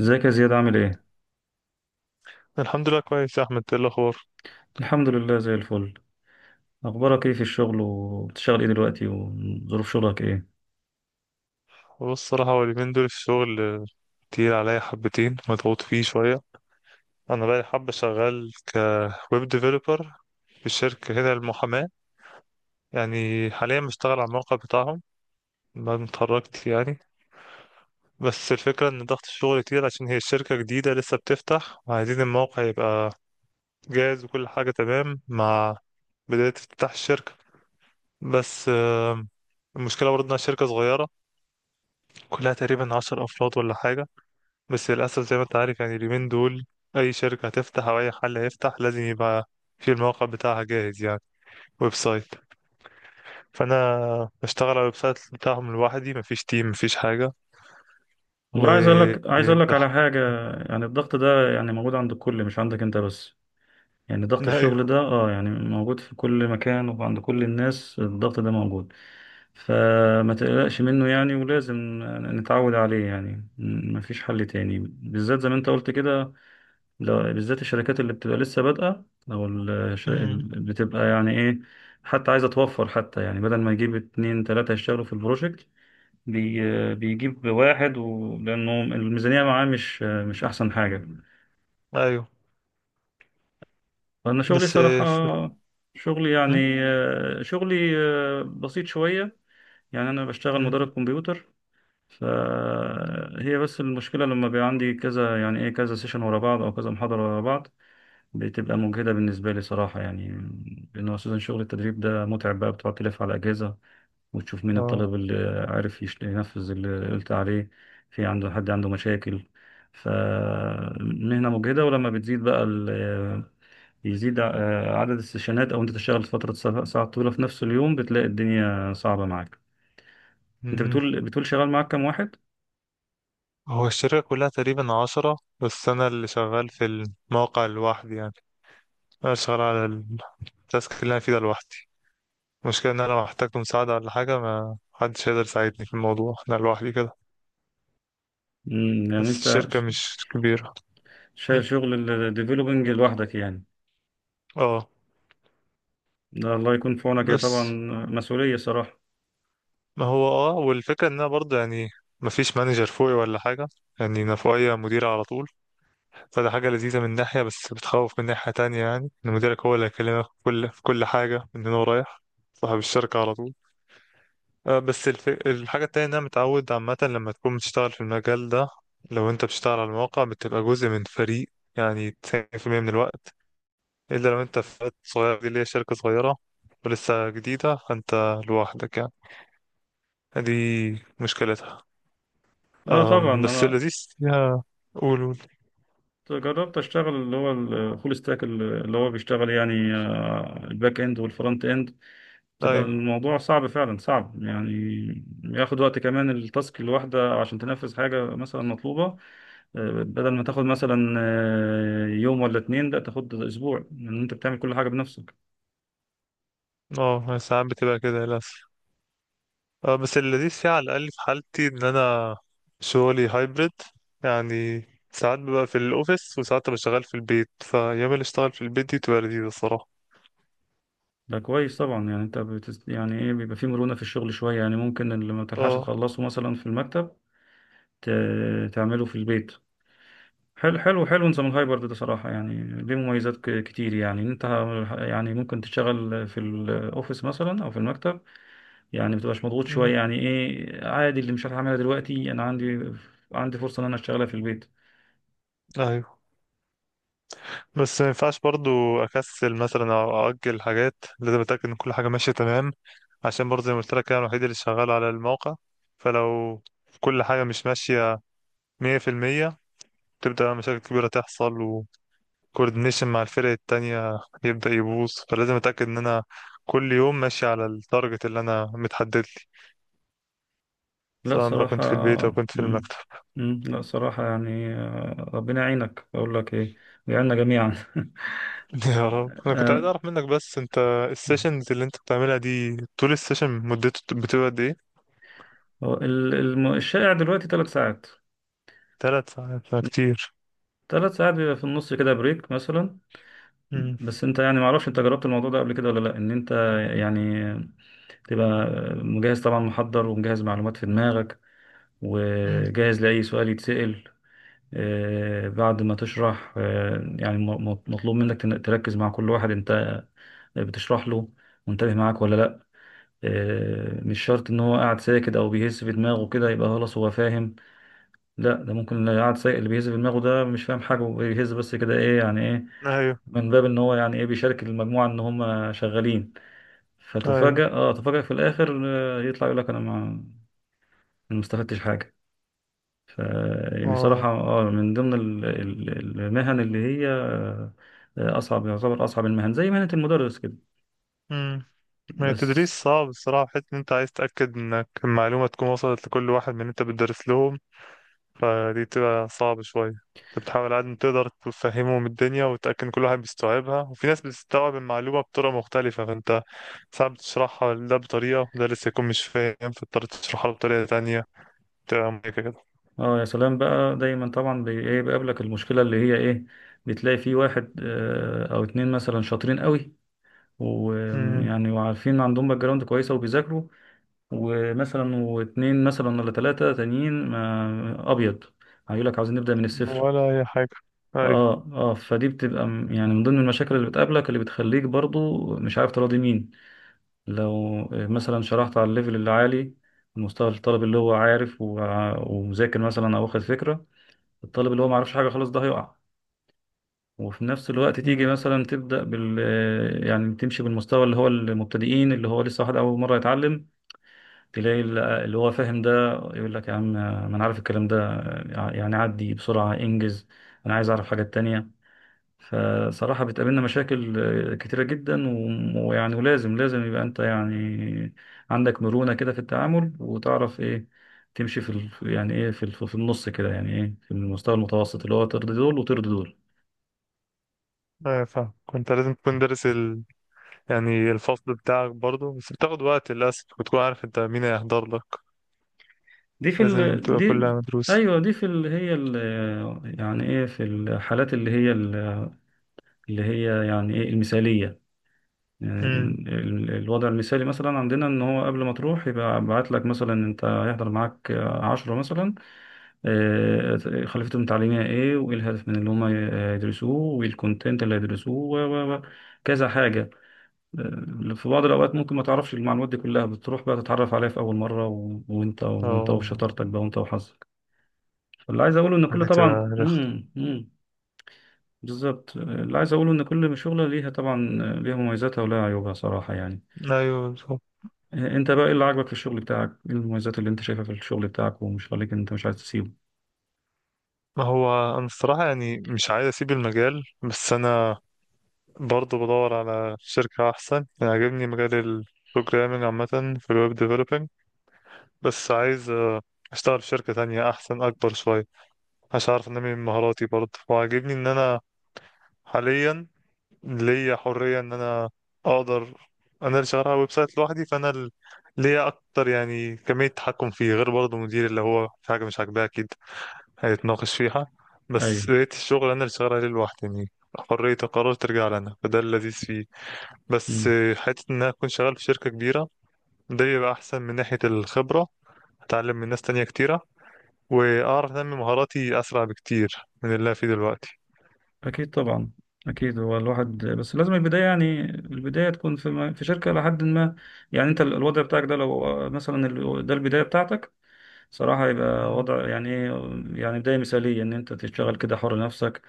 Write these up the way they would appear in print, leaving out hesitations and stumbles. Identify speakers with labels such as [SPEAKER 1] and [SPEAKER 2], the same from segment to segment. [SPEAKER 1] ازيك يا زياد عامل ايه؟
[SPEAKER 2] الحمد لله كويس يا احمد، ايه الاخبار؟
[SPEAKER 1] الحمد لله زي الفل. اخبارك ايه في الشغل، وبتشتغل ايه دلوقتي، وظروف شغلك ايه؟
[SPEAKER 2] بص، الصراحه هو اليومين دول الشغل تقيل عليا حبتين، مضغوط فيه شويه. انا بقى حبه شغال كويب ديفلوبر في شركه هنا المحاماه، يعني حاليا بشتغل على الموقع بتاعهم بعد ما اتخرجت يعني. بس الفكره ان ضغط الشغل كتير عشان هي الشركه جديده لسه بتفتح وعايزين الموقع يبقى جاهز وكل حاجه تمام مع بدايه افتتاح الشركه. بس المشكله برضه انها شركه صغيره، كلها تقريبا 10 افراد ولا حاجه. بس للأسف زي ما أنت عارف يعني اليومين دول أي شركة هتفتح أو أي حل هيفتح لازم يبقى في الموقع بتاعها جاهز، يعني ويب سايت. فأنا بشتغل على الويب سايت بتاعهم لوحدي، مفيش تيم مفيش حاجة. و
[SPEAKER 1] والله عايز اقول لك
[SPEAKER 2] بح...
[SPEAKER 1] على حاجة. يعني الضغط ده يعني موجود عند الكل، مش عندك انت بس. يعني ضغط
[SPEAKER 2] أيوه.
[SPEAKER 1] الشغل ده يعني موجود في كل مكان، وعند كل الناس الضغط ده موجود. فما تقلقش منه يعني، ولازم نتعود عليه يعني. مفيش حل تاني، بالذات زي ما انت قلت كده، لو بالذات الشركات اللي بتبقى لسه بادئة أو
[SPEAKER 2] أمم،
[SPEAKER 1] اللي بتبقى يعني إيه. حتى عايزة توفر، حتى يعني بدل ما يجيب اتنين تلاتة يشتغلوا في البروجكت، بيجيب واحد لأنه الميزانية معاه مش أحسن حاجة.
[SPEAKER 2] أيوه.
[SPEAKER 1] فأنا شغلي
[SPEAKER 2] بس
[SPEAKER 1] صراحة،
[SPEAKER 2] ف...
[SPEAKER 1] شغلي يعني،
[SPEAKER 2] أمم،
[SPEAKER 1] شغلي بسيط شوية. يعني أنا بشتغل
[SPEAKER 2] أمم،
[SPEAKER 1] مدرب كمبيوتر. فهي بس المشكلة لما بيبقى عندي كذا، يعني إيه كذا سيشن ورا بعض، أو كذا محاضرة ورا بعض، بتبقى مجهدة بالنسبة لي صراحة يعني. لأن هو أساسا شغل التدريب ده متعب بقى، بتقعد تلف على أجهزة وتشوف مين
[SPEAKER 2] آه.
[SPEAKER 1] الطالب اللي عارف ينفذ اللي قلت عليه، في عنده حد عنده مشاكل. فمهنة مجهدة، ولما بتزيد بقى يزيد عدد السيشنات، أو أنت تشتغل فترة ساعة طويلة في نفس اليوم، بتلاقي الدنيا صعبة معاك. أنت
[SPEAKER 2] أمم.
[SPEAKER 1] بتقول شغال معاك كام واحد؟
[SPEAKER 2] هو الشركة كلها تقريبا 10، بس أنا اللي شغال في الموقع لوحدي يعني. أنا شغال على التاسك اللي أنا فيه ده لوحدي. المشكلة إن أنا لو احتجت مساعدة ولا حاجة ما حدش هيقدر يساعدني في الموضوع، أنا لوحدي كده.
[SPEAKER 1] يعني
[SPEAKER 2] بس
[SPEAKER 1] أنت
[SPEAKER 2] الشركة مش كبيرة. م?
[SPEAKER 1] شايل شغل الديفلوبينج لوحدك يعني،
[SPEAKER 2] اه.
[SPEAKER 1] ده الله يكون في عونك يا طبعا،
[SPEAKER 2] بس
[SPEAKER 1] مسؤولية صراحة.
[SPEAKER 2] ما هو اه، والفكرة إن أنا برضه يعني مفيش مانجر فوقي ولا حاجة، يعني أنا فوقيا مدير على طول. فده حاجة لذيذة من ناحية بس بتخوف من ناحية تانية، يعني إن مديرك هو اللي هيكلمك في كل حاجة من هنا ورايح، صاحب الشركة على طول. بس الحاجة التانية إن أنا متعود عامة لما تكون بتشتغل في المجال ده، لو أنت بتشتغل على المواقع بتبقى جزء من فريق يعني 90% من الوقت، إلا لو أنت في فريق صغير، دي اللي هي شركة صغيرة ولسه جديدة فأنت لوحدك يعني، دي مشكلتها.
[SPEAKER 1] اه، طبعا
[SPEAKER 2] أم، بس
[SPEAKER 1] انا
[SPEAKER 2] اللذيذ فيها. قول قول.
[SPEAKER 1] جربت اشتغل اللي هو الفول ستاك، اللي هو بيشتغل يعني الباك اند والفرونت اند، بتبقى
[SPEAKER 2] أيوه.
[SPEAKER 1] الموضوع صعب، فعلا صعب يعني. ياخد وقت كمان التاسك الواحدة عشان تنفذ حاجة مثلا مطلوبة. بدل ما تاخد مثلا يوم ولا اتنين، لا تاخد اسبوع، لان انت بتعمل كل حاجة بنفسك.
[SPEAKER 2] اه ساعات بتبقى كده للأسف. بس اللذيذ فيها على الأقل في حالتي إن أنا شغلي هايبرد، يعني ساعات ببقى في الأوفيس وساعات ببقى شغال في البيت، فأيام اللي أشتغل في البيت دي تبقى لذيذة الصراحة.
[SPEAKER 1] ده كويس طبعا، يعني انت يعني ايه بيبقى فيه مرونة في الشغل شوية. يعني ممكن اللي ما تلحقش
[SPEAKER 2] اه.
[SPEAKER 1] تخلصه مثلا في المكتب تعمله في البيت. حلو حلو حلو، نظام الهايبرد ده صراحة يعني ليه مميزات كتير. يعني انت يعني ممكن تشتغل في الاوفيس مثلا او في المكتب، يعني متبقاش مضغوط
[SPEAKER 2] مم.
[SPEAKER 1] شوية. يعني ايه، عادي، اللي مش هعملها دلوقتي انا عندي فرصة ان انا اشتغلها في البيت.
[SPEAKER 2] أيوه. بس ما ينفعش برضو أكسل مثلا أو أأجل حاجات، لازم أتأكد إن كل حاجة ماشية تمام، عشان برضو زي ما قلت لك أنا الوحيد اللي شغال على الموقع. فلو كل حاجة مش ماشية مية في المية تبدأ مشاكل كبيرة تحصل، كوردينيشن مع الفرق التانية يبدأ يبوظ، فلازم أتأكد إن أنا كل يوم ماشي على التارجت اللي أنا متحدد لي،
[SPEAKER 1] لا
[SPEAKER 2] سواء بقى
[SPEAKER 1] صراحة.
[SPEAKER 2] كنت في البيت أو كنت في
[SPEAKER 1] مم.
[SPEAKER 2] المكتب.
[SPEAKER 1] مم. لا صراحة يعني، ربنا يعينك، اقول لك ايه، ويعيننا جميعا.
[SPEAKER 2] يا رب. أنا كنت عايز
[SPEAKER 1] آه،
[SPEAKER 2] أعرف منك، بس أنت السيشنز اللي أنت بتعملها دي طول السيشن مدته بتبقى قد إيه؟
[SPEAKER 1] هو الشائع دلوقتي 3 ساعات.
[SPEAKER 2] 3 ساعات فكتير.
[SPEAKER 1] 3 ساعات بيبقى في النص كده بريك مثلا.
[SPEAKER 2] مم.
[SPEAKER 1] بس انت يعني معرفش انت جربت الموضوع ده قبل كده ولا لا، ان انت يعني تبقى مجهز طبعا، محضر ومجهز معلومات في دماغك،
[SPEAKER 2] مم.
[SPEAKER 1] وجاهز لأي سؤال يتسأل. بعد ما تشرح يعني مطلوب منك تركز مع كل واحد انت بتشرح له، منتبه معاك ولا لا. مش شرط ان هو قاعد ساكت او بيهز في دماغه كده يبقى خلاص هو فاهم. لا، ده ممكن اللي قاعد ساكت اللي بيهز في دماغه ده مش فاهم حاجة، وبيهز بس كده ايه، يعني ايه،
[SPEAKER 2] أيوه.
[SPEAKER 1] من باب ان هو يعني ايه بيشارك المجموعه ان هم شغالين.
[SPEAKER 2] أيوه.
[SPEAKER 1] فتفاجأ اه تفاجأ في الاخر، يطلع يقول لك انا ما ما استفدتش حاجه. فبصراحه
[SPEAKER 2] أه.
[SPEAKER 1] من ضمن المهن اللي هي اصعب، يعتبر اصعب المهن زي مهنه المدرس كده.
[SPEAKER 2] مم. ما هي
[SPEAKER 1] بس
[SPEAKER 2] التدريس صعب الصراحة، حيث إن أنت عايز تتأكد إنك المعلومة تكون وصلت لكل واحد من اللي أنت بتدرس له، فدي بتبقى صعبة شوية. انت بتحاول على قد ما تقدر تفهمهم الدنيا وتأكد إن كل واحد بيستوعبها، وفي ناس بتستوعب المعلومة بطرق مختلفة، فانت ساعات بتشرحها ده بطريقة وده لسه يكون مش فاهم فاضطر تشرحها له بطريقة تانية، بتبقى مميكة كده.
[SPEAKER 1] اه، يا سلام بقى، دايما طبعا ايه بيقابلك المشكله اللي هي ايه، بتلاقي في واحد او اتنين مثلا شاطرين قوي،
[SPEAKER 2] مم.
[SPEAKER 1] ويعني وعارفين عندهم باك جراوند كويسه وبيذاكروا، ومثلا واتنين مثلا ولا تلاتة تانيين ما أبيض، هيقول لك عاوزين نبدأ من الصفر.
[SPEAKER 2] ولا أي حاجة. أيوة.
[SPEAKER 1] اه اه، فدي بتبقى يعني من ضمن المشاكل اللي بتقابلك، اللي بتخليك برضو مش عارف تراضي مين. لو مثلا شرحت على الليفل اللي عالي، المستوى الطالب اللي هو عارف ومذاكر مثلا او واخد فكرة، الطالب اللي هو معرفش حاجة خلاص ده هيقع. وفي نفس الوقت تيجي
[SPEAKER 2] مم.
[SPEAKER 1] مثلا تبدأ بال آه، يعني تمشي بالمستوى اللي هو المبتدئين، اللي هو لسه واحد أول مرة يتعلم، تلاقي اللي هو فاهم ده يقول لك يا عم ما انا عارف الكلام ده، يعني عدي بسرعة انجز، انا عايز اعرف حاجات تانية. فصراحة بتقابلنا مشاكل كتيرة جدا، ويعني ولازم، لازم يبقى انت يعني عندك مرونة كده في التعامل، وتعرف ايه تمشي يعني ايه في النص كده، يعني ايه في المستوى المتوسط اللي هو ترضي دول وترضي دول.
[SPEAKER 2] أيوة فاهم، كنت لازم تكون دارس يعني الفصل بتاعك برضه، بس بتاخد وقت للأسف وتكون عارف انت مين هيحضر لك،
[SPEAKER 1] دي في
[SPEAKER 2] لازم
[SPEAKER 1] ال...
[SPEAKER 2] تبقى
[SPEAKER 1] دي
[SPEAKER 2] كلها مدروسة.
[SPEAKER 1] ايوه، دي في ال... هي ال... يعني ايه في الحالات اللي هي اللي هي يعني ايه المثالية.
[SPEAKER 2] مم.
[SPEAKER 1] الوضع المثالي مثلا عندنا ان هو قبل ما تروح يبقى بعت لك مثلا انت هيحضر معاك 10 مثلا، خلفيتهم التعليمية ايه، وايه الهدف من اللي هم يدرسوه، وايه الكونتنت اللي هيدرسوه كذا حاجة. في بعض الأوقات ممكن ما تعرفش المعلومات دي كلها، بتروح بقى تتعرف عليها في أول مرة، وأنت
[SPEAKER 2] اه
[SPEAKER 1] وشطارتك بقى، وأنت وحظك. فاللي عايز أقوله إن كل
[SPEAKER 2] دي تبقى
[SPEAKER 1] طبعا،
[SPEAKER 2] رخ.
[SPEAKER 1] بالظبط. اللي عايز أقوله إن كل شغلة ليها طبعا، ليها مميزاتها ولها عيوبها صراحة يعني.
[SPEAKER 2] أيوة.
[SPEAKER 1] انت بقى ايه اللي عاجبك في الشغل بتاعك، ايه المميزات اللي انت شايفها في الشغل بتاعك، ومش خليك انت مش عايز تسيبه.
[SPEAKER 2] ما هو أنا الصراحة يعني مش عايز أسيب المجال، بس أنا برضه بدور على شركة أحسن. يعني عاجبني مجال ال programming عامة، في الويب developing، بس عايز أشتغل في شركة تانية أحسن أكبر شوية عشان أعرف أنمي من مهاراتي برضه. وعاجبني إن أنا حاليا ليا حرية إن أنا أقدر، أنا اللي شغال على ويب سايت لوحدي، فأنا ليا أكتر يعني كمية تحكم فيه، غير برضه مدير اللي هو في حاجة مش عاجباه أكيد هيتناقش فيها.
[SPEAKER 1] ايوه.
[SPEAKER 2] بس لقيت الشغل انا اللي شغال عليه لوحدي، يعني حرية القرار ترجع لنا، فده اللذيذ فيه. بس
[SPEAKER 1] امم.
[SPEAKER 2] حتة ان انا اكون شغال في شركة كبيرة ده بيبقى احسن من ناحية الخبرة، اتعلم من ناس تانية كتيرة واعرف انمي مهاراتي اسرع بكتير من اللي انا فيه دلوقتي.
[SPEAKER 1] اكيد طبعا، اكيد هو الواحد بس لازم البدايه، يعني البدايه تكون في في شركه لحد ما. يعني انت الوضع بتاعك ده لو مثلا ده البدايه بتاعتك، صراحه يبقى
[SPEAKER 2] مم.
[SPEAKER 1] وضع يعني ايه، يعني بدايه مثاليه ان انت تشتغل كده حر نفسك،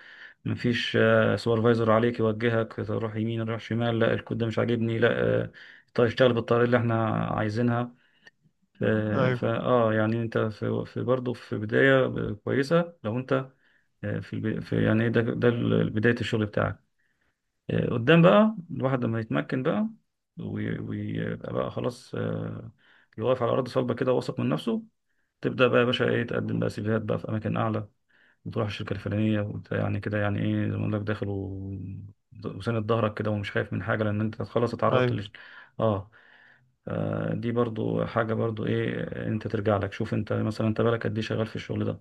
[SPEAKER 1] مفيش سوبرفايزر عليك يوجهك تروح يمين تروح شمال، لا الكود ده مش عاجبني لا. آه، طيب اشتغل بالطريقه اللي احنا عايزينها.
[SPEAKER 2] ايوه
[SPEAKER 1] فاه يعني انت في برضه في بدايه كويسه لو انت في يعني، ده بدايه الشغل بتاعك. قدام بقى الواحد لما يتمكن بقى، ويبقى بقى خلاص، يقف على ارض صلبه كده واثق من نفسه، تبدا بقى يا باشا ايه تقدم بقى سيفيهات بقى في اماكن اعلى، وتروح الشركه الفلانيه وانت يعني كده يعني ايه، زي ما اقول لك داخل وساند ظهرك كده، ومش خايف من حاجه لان انت خلاص اتعرضت
[SPEAKER 2] ايوه.
[SPEAKER 1] لش. اه. دي برضو حاجة، برضو ايه، انت ترجع لك، شوف انت مثلا انت بالك قد ايه شغال في الشغل ده.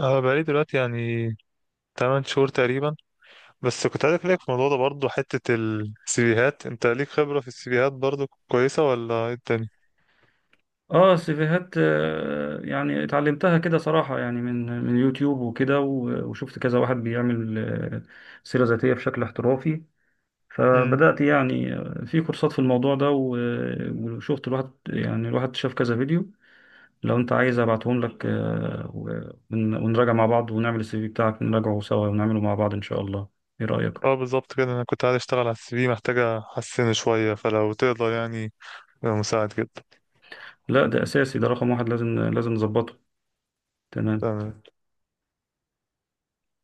[SPEAKER 2] انا بقالي دلوقتي يعني 8 شهور تقريبا. بس كنت عايز اسالك في الموضوع ده برضه، حتة السيفيهات، انت ليك خبرة في السيفيهات برضه كويسة ولا ايه الدنيا؟
[SPEAKER 1] اه سيفيهات، يعني اتعلمتها كده صراحة، يعني من يوتيوب وكده، وشفت كذا واحد بيعمل سيرة ذاتية بشكل احترافي. فبدأت يعني في كورسات في الموضوع ده، وشفت الواحد، يعني الواحد شاف كذا فيديو. لو انت عايز ابعتهم لك ونراجع مع بعض، ونعمل السي في بتاعك نراجعه سوا، ونعمله مع بعض ان شاء الله. ايه رأيك؟
[SPEAKER 2] اه بالظبط كده، انا كنت عايز اشتغل على السي في، محتاجة احسنه شوية، فلو تقدر يعني يبقى مساعد جدا.
[SPEAKER 1] لا ده اساسي، ده رقم واحد، لازم نظبطه. تمام.
[SPEAKER 2] تمام.